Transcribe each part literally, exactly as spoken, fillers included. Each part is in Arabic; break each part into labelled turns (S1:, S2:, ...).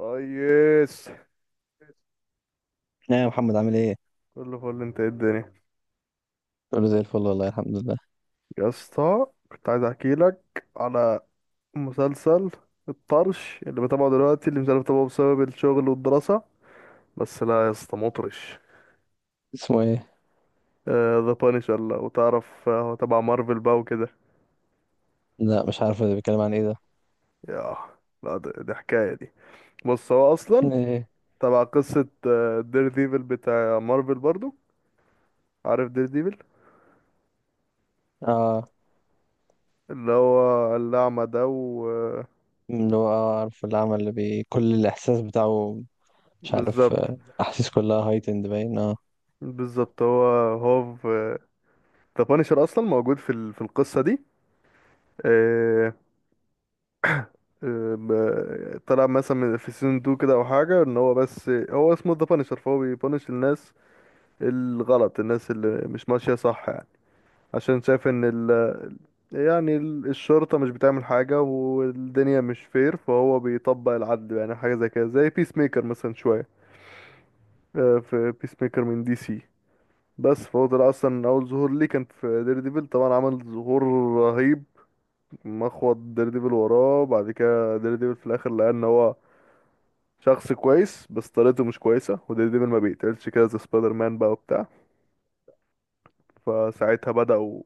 S1: ريس،
S2: ايه يا محمد، عامل ايه؟
S1: كله فل. انت ايه الدنيا؟
S2: كله زي الفل والله، الحمد لله.
S1: يا اسطى، كنت عايز احكي لك على مسلسل الطرش اللي بتابعه دلوقتي، اللي مش عارف اتابعه بسبب الشغل والدراسة. بس لا يا اسطى، مطرش.
S2: اسمه ايه؟
S1: ذا بانشر. لا وتعرف، آه، هو تبع مارفل بقى وكده.
S2: لا مش عارف ده بيتكلم عن ايه ده.
S1: ياه، لا. ده- دي حكاية دي. بص هو اصلا
S2: ايه؟
S1: تبع قصة دير ديفل بتاع مارفل برضو. عارف دير ديفل؟
S2: اه،
S1: اللي هو الأعمى ده، و آه،
S2: اللي هو اه عارف العمل اللي بي كل الاحساس بتاعه. مش عارف،
S1: بالظبط.
S2: آه، احاسيس كلها هايتند باين، اه.
S1: بالظبط هو. هوف. آه، ذا بانشر اصلا موجود في ال- في القصه دي. آه، آه، ب- طلع مثلا من- في سيزون اتنين كده، او حاجه. ان هو، بس هو اسمه ذا بانشر، فهو بيبانش الناس الغلط، الناس اللي مش ماشيه صح يعني. عشان شايف ان ال، يعني ال- الشرطه مش بتعمل حاجه، والدنيا مش فير، فهو بيطبق العدل يعني. حاجه زي كده، زي بيس ميكر مثلا شويه. آه، في بيس ميكر من دي سي. بس فهو طلع اصلا اول ظهور ليه كان في دير ديفل. طبعا عمل ظهور رهيب، مخوض ديرديفل وراه. بعد كده ديرديفل في الاخر لقى ان هو شخص كويس بس طريقته مش كويسه، وديرديفل ما بيقتلش كده زي سبايدر مان بقى وبتاع. فساعتها بدأوا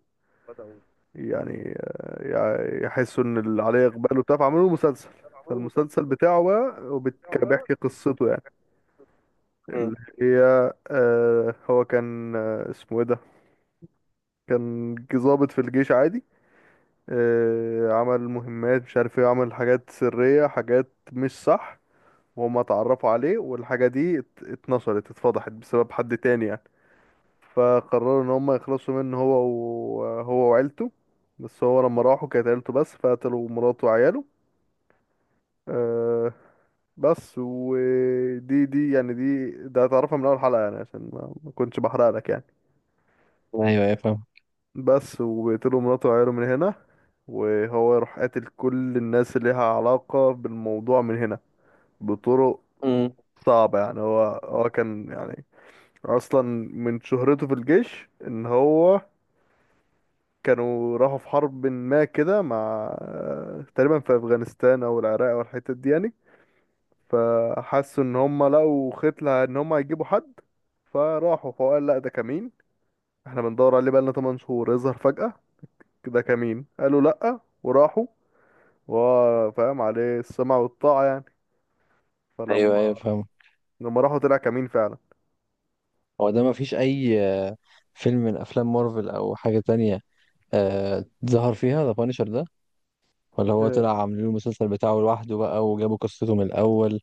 S2: بدأوا.
S1: يعني آه، يع- يحسوا ان اللي عليه اقبال وبتاع، فعملوا له مسلسل.
S2: عملوا مسلسل.
S1: فالمسلسل بتاعه بقى
S2: رجعوا
S1: وبيتك-
S2: بقى.
S1: بيحكي قصته يعني.
S2: مم.
S1: اللي هي آه، هو كان، آه، اسمه ايه ده، كان ج- ضابط في الجيش عادي. آه، عمل مهمات، مش عارف ايه. عمل حاجات سرية، حاجات مش صح. وهم اتعرفوا عليه، والحاجة دي ات- اتنشرت، اتفضحت بسبب حد تاني يعني. فقرروا ان هم يخلصوا منه هو، وهو وعيلته. بس هو لما راحوا كانت عيلته بس، فقتلوا مراته وعياله. أه. بس ودي، دي يعني، دي ده هتعرفها من اول حلقة يعني، عشان ما ما كنتش بحرق لك يعني.
S2: ايوه ايوه، فاهم.
S1: بس وبيقتلوا مراته وعياله من هنا، وهو يروح قاتل كل الناس اللي لها علاقة بالموضوع من هنا، بطرق
S2: مم.
S1: صعبة يعني. هو هو كان يعني اصلا من شهرته في الجيش، ان هو كانوا راحوا في حرب ما كده، مع، تقريبا في افغانستان او العراق او الحتت دي يعني. فحسوا ان هم لقوا ختلة، ان هم هيجيبوا حد. فراحوا، فقال لا، ده كمين. احنا بندور عليه بقالنا تمن شهور، يظهر فجأة؟ ده كمين. قالوا لا، وراحوا، وهو فاهم عليه السمع والطاعة يعني.
S2: ايوه ايوه،
S1: فلما
S2: فاهم.
S1: لما راحوا طلع كمين فعلا.
S2: هو ده مفيش اي آه، فيلم من افلام مارفل او حاجه تانية آه ظهر فيها ذا بانشر ده؟ ولا هو
S1: اه،
S2: طلع عاملين له المسلسل بتاعه لوحده بقى وجابوا قصته من الاول؟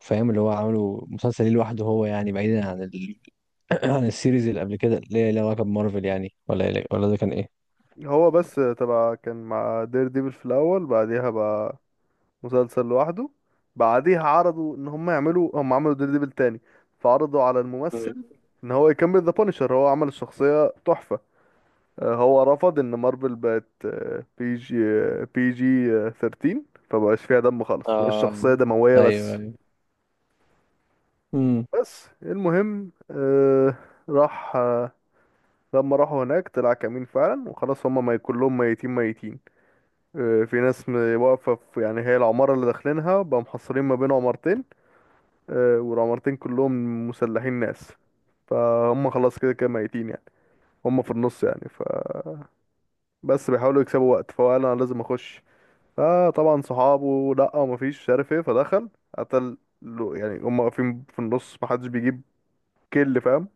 S2: فاهم، اللي هو عامله مسلسل ليه لوحده هو، يعني بعيدا عن ال... عن السيريز اللي قبل كده اللي هي ليها علاقة بمارفل يعني، ولا إيه- ولا ده كان ايه؟
S1: هو بس تبع كان مع دير ديفل في الأول. بعديها بقى مسلسل لوحده. بعديها عرضوا ان هم يعملوا، هم عملوا ديدبل تاني، فعرضوا على الممثل
S2: مم.
S1: ان هو يكمل ذا بانشر. هو عمل الشخصية تحفة. آه، هو رفض، ان مارفل بقت بي جي، بي جي تلتاشر، فمبقاش فيها دم خالص،
S2: آه،
S1: والشخصية دموية.
S2: أيوه
S1: بس
S2: أيوه. امم.
S1: بس المهم، آه، راح آه، لما راحوا هناك طلع كمين فعلا، وخلاص. هما ما كلهم ميتين ميتين. آه، في ناس م- واقفة في، يعني، هي العمارة اللي داخلينها بقى، محصرين ما بين عمارتين. آه، والعمارتين كلهم مسلحين ناس، فهم خلاص كده كده ميتين يعني. هم في النص يعني. فبس بيحاولوا يكسبوا وقت، فهو قال انا لازم اخش. فطبعا صحابه لا، ومفيش، مش عارف ايه. فدخل، قتل له- يعني، هم واقفين في النص محدش بيجيب. كل فاهم.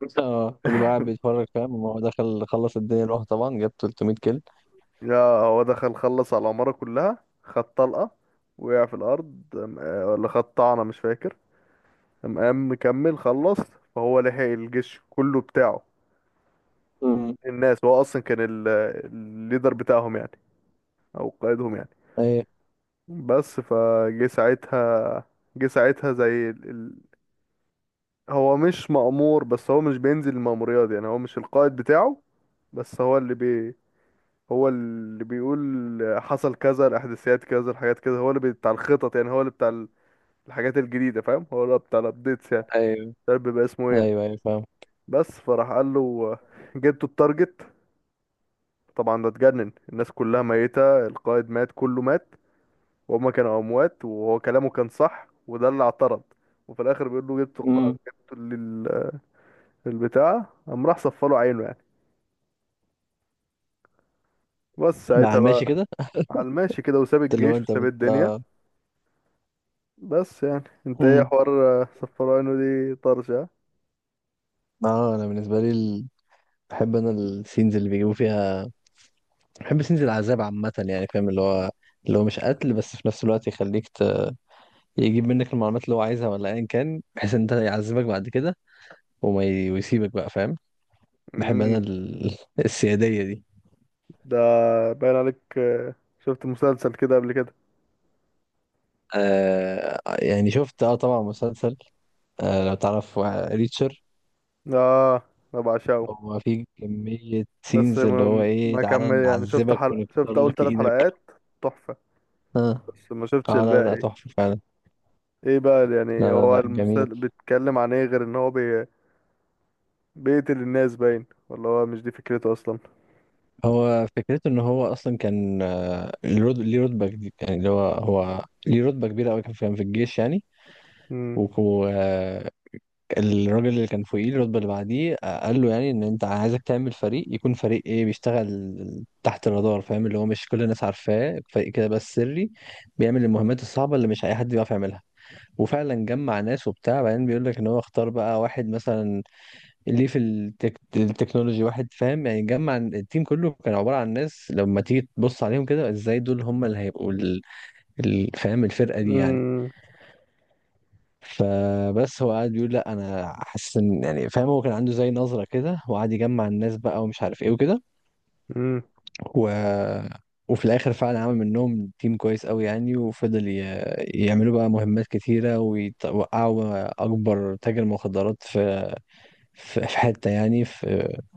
S2: آه، كله بقى قاعد بيتفرج، فاهم؟ هو دخل خلص الدنيا لوحده طبعا، جاب ثلاثمية كيل.
S1: يا، هو دخل خلص على العمارة كلها. خد طلقة، وقع في الأرض. أم- آه، ولا خد طعنة، مش فاكر. قام قام مكمل، خلص. فهو لحق الجيش كله بتاعه.
S2: امم.
S1: الناس، هو أصلا كان ال- الليدر بتاعهم يعني، او قائدهم يعني.
S2: ايوه.
S1: بس فجه ساعتها جه ساعتها زي ال... ال... هو مش مأمور، بس هو مش بينزل المأموريات يعني، هو مش القائد بتاعه. بس هو اللي بي هو اللي بيقول حصل كذا، الاحداثيات كذا، الحاجات كذا. هو اللي بتاع الخطط يعني، هو اللي بتاع ال- الحاجات الجديدة. فاهم، هو اللي بتاع الابديتس يعني.
S2: أيوه
S1: مش عارف بيبقى اسمه ايه يعني.
S2: ايوه ايوه، فاهم.
S1: بس، فراح قال له جبتوا التارجت؟ طبعا ده اتجنن، الناس كلها ميتة، القائد مات، كله مات. وهما كانوا اموات، وهو كلامه كان صح، وده اللي اعترض. وفي الاخر بيقول له جبت الق-
S2: مم.
S1: جبت ال- البتاع؟ قام راح صفى له عينه يعني. بس
S2: ده على
S1: ساعتها
S2: الماشي
S1: بقى،
S2: كده.
S1: على الماشي كده، وساب
S2: اللي هو
S1: الجيش
S2: انت
S1: وساب
S2: بت...
S1: الدنيا. بس يعني انت ايه
S2: مم.
S1: حوار؟ آه، صفى له عينه؟ دي طرشة.
S2: اه، انا بالنسبه لي ال... بحب انا السينز اللي بيجيبوا فيها. بحب سينز العذاب عامه، يعني فاهم، اللي هو اللي هو مش قتل بس في نفس الوقت يخليك، يجيب منك المعلومات اللي هو عايزها، ولا ايا كان، بحيث ان انت يعذبك بعد كده وما ي... ويسيبك بقى، فاهم. بحب انا
S1: امم.
S2: ال... السيادية دي.
S1: ده باين عليك، آه، شفت مسلسل كده قبل كده؟
S2: آه يعني شفت، اه طبعا مسلسل. آه لو تعرف، آه، ريتشر.
S1: اه، انا بعشقه.
S2: هو في كمية
S1: بس
S2: سينز اللي هو
S1: ما
S2: ايه،
S1: ما
S2: تعالى
S1: كمل يعني، شفت
S2: نعذبك
S1: حلقة
S2: ونكسر
S1: شفت اول
S2: لك
S1: ثلاث
S2: ايدك.
S1: حلقات، تحفة.
S2: اه.
S1: بس ما شفتش
S2: اه لا لا،
S1: الباقي.
S2: تحفة فعلا.
S1: ايه بقى
S2: لا
S1: يعني
S2: لا
S1: هو
S2: لا، جميل.
S1: المسلسل بيتكلم عن ايه؟ غير ان هو بي... بيقتل الناس باين؟ ولا هو مش دي فكرته اصلا؟
S2: هو فكرته ان هو اصلا كان، آه، ليه رت- ليه رتبة جديدة يعني، اللي هو هو ليه رتبة كبيرة قوي، كان في كان في الجيش يعني.
S1: امم.
S2: وكان الراجل اللي كان فوقيه، الرتبة اللي بعديه، آه، قال له يعني ان انت، عايزك تعمل فريق، يكون فريق ايه، بيشتغل تحت الرادار، فاهم، اللي هو مش كل الناس عارفاه، فريق كده بس سري، بيعمل المهمات الصعبة اللي مش اي حد بيعرف يعملها. وفعلا جمع ناس وبتاع، بعدين بيقول لك ان هو اختار بقى واحد مثلا ليه في التك... التكنولوجي، واحد فاهم يعني. جمع التيم كله، كان عبارة عن ناس لما تيجي تبص عليهم كده، ازاي دول هم اللي هيبقوا ال... ال... فاهم، الفرقة دي يعني.
S1: امم.
S2: فبس هو قاعد بيقول لا، انا حاسس ان يعني فاهم، هو كان عنده زي نظره كده، وقعد يجمع الناس بقى ومش عارف ايه وكده.
S1: امم.
S2: و... وفي الاخر فعلا عمل منهم تيم كويس قوي يعني، وفضل ي... يعملوا بقى مهمات كتيره، ويوقعوا اكبر تاجر مخدرات في في في حته يعني، في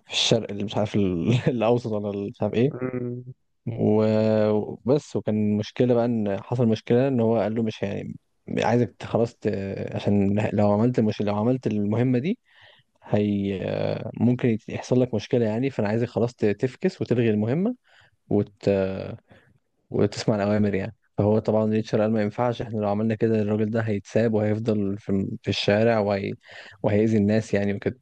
S2: في الشرق اللي مش عارف ال- الاوسط، ولا مش عارف ايه.
S1: امم.
S2: و- وبس. وكان مشكلة بقى، ان حصل مشكلة ان هو قال له مش يعني، عايزك ت- خلاص، ت- عشان لو عملت، مش لو عملت المهمة دي، هي ممكن يت- يحصل لك مشكلة يعني، فانا عايزك خلاص، ت- تفكس وتلغي المهمة، وت... وتسمع الأوامر يعني. فهو طبعا ريتشارد قال ما ينفعش، احنا لو عملنا كده الراجل ده هيتساب وهيفضل في, في الشارع، وهي... وهيأذي الناس يعني وكده.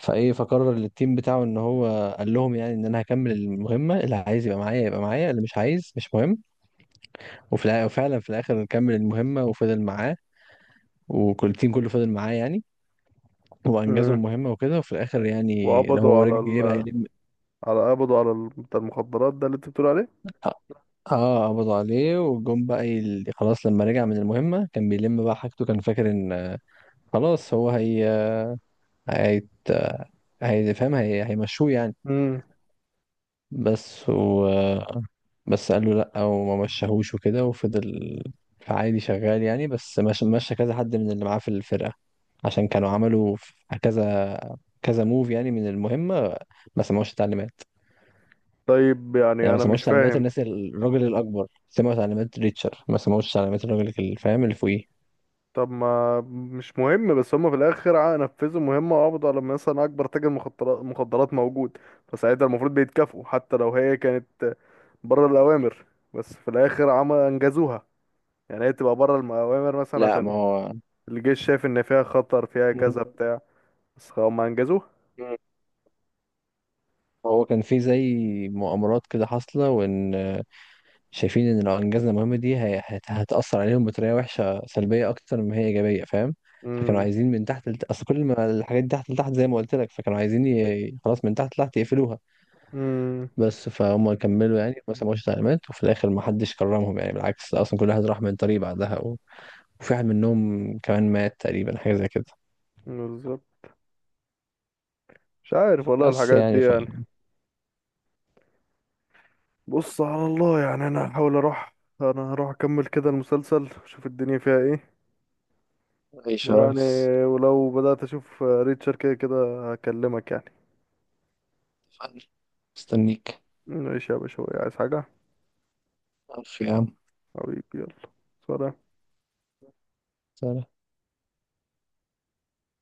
S2: فايه، فقرر التيم بتاعه ان هو قال لهم يعني، ان انا هكمل المهمة، اللي عايز يبقى معايا يبقى معايا، اللي مش عايز مش مهم. وفي الع- وفعلا في الاخر نكمل المهمه وفضل معاه، وكل التيم كله فضل معاه يعني. وانجزوا
S1: امم.
S2: المهمه وكده. وفي الاخر يعني، اللي
S1: وقبضوا
S2: هو
S1: على
S2: رجع جه بقى
S1: ال...
S2: يلم.
S1: على قبضوا على ال... بتاع المخدرات ده اللي انت بتقول عليه.
S2: اه. آه، قبضوا عليه وجم بقى يل... خلاص، لما رجع من المهمه كان بيلم بقى حاجته، كان فاكر ان، آه، خلاص هو هي هيت... هيفهم، هي... هيمشوه يعني.
S1: امم
S2: بس و بس قال له لأ، وما مشاهوش وكده، وفضل عادي شغال يعني. بس مش- مشى كذا حد من اللي معاه في الفرقة، عشان كانوا عملوا في كذا كذا موف يعني من المهمة، ما سمعوش التعليمات.
S1: طيب،
S2: يعني
S1: يعني
S2: ما
S1: انا مش
S2: سمعوش تعليمات
S1: فاهم.
S2: الناس، الراجل الأكبر سمعوا تعليمات ريتشر، ما سمعوش تعليمات الراجل اللي فاهم اللي فوقيه.
S1: طب ما مش مهم، بس هم في الاخر ع- نفذوا مهمة، وقبضوا على مثلا اكبر تاجر مخدرات مخدرات موجود. فساعتها المفروض بيتكافئوا، حتى لو هي كانت بره الاوامر. بس في الاخر عمل، انجزوها يعني. هي تبقى بره المؤامر مثلا،
S2: لا ما
S1: عشان
S2: هو.
S1: الجيش شايف ان فيها خطر، فيها
S2: مم.
S1: كذا بتاع. بس هم انجزوها.
S2: مم. هو كان في زي مؤامرات كده حاصلة، وإن شايفين ان لو انجزنا المهمه دي هي- هت- هتاثر عليهم بطريقه وحشه سلبيه اكتر ما هي ايجابيه، فاهم. فكانوا
S1: امم.
S2: عايزين من تحت لت... اصل كل ما الحاجات دي تحت لتحت زي ما قلت لك، فكانوا عايزين ي... خلاص من تحت لتحت يقفلوها.
S1: امم.
S2: بس فهم كملوا يعني، ما سمعوش تعليمات، وفي الاخر ما حدش كرمهم يعني، بالعكس اصلا كل واحد راح من طريق بعدها و... وفي واحد منهم كمان مات تقريبا، حاجه زي كده.
S1: بالظبط. مش عارف والله،
S2: بس
S1: الحاجات دي
S2: يعني ف
S1: يعني. بص، على الله يعني، انا هحاول اروح. انا هروح اكمل كده المسلسل، اشوف الدنيا فيها ايه.
S2: عيش يا
S1: ويعني،
S2: ريس.
S1: ولو بدأت اشوف ريتشر، كده كده هكلمك يعني.
S2: مستنيك.
S1: ماشي يا باشا، عايز حاجة؟
S2: ألف يا عم.
S1: حبيبي، يلا سلام.
S2: سلام.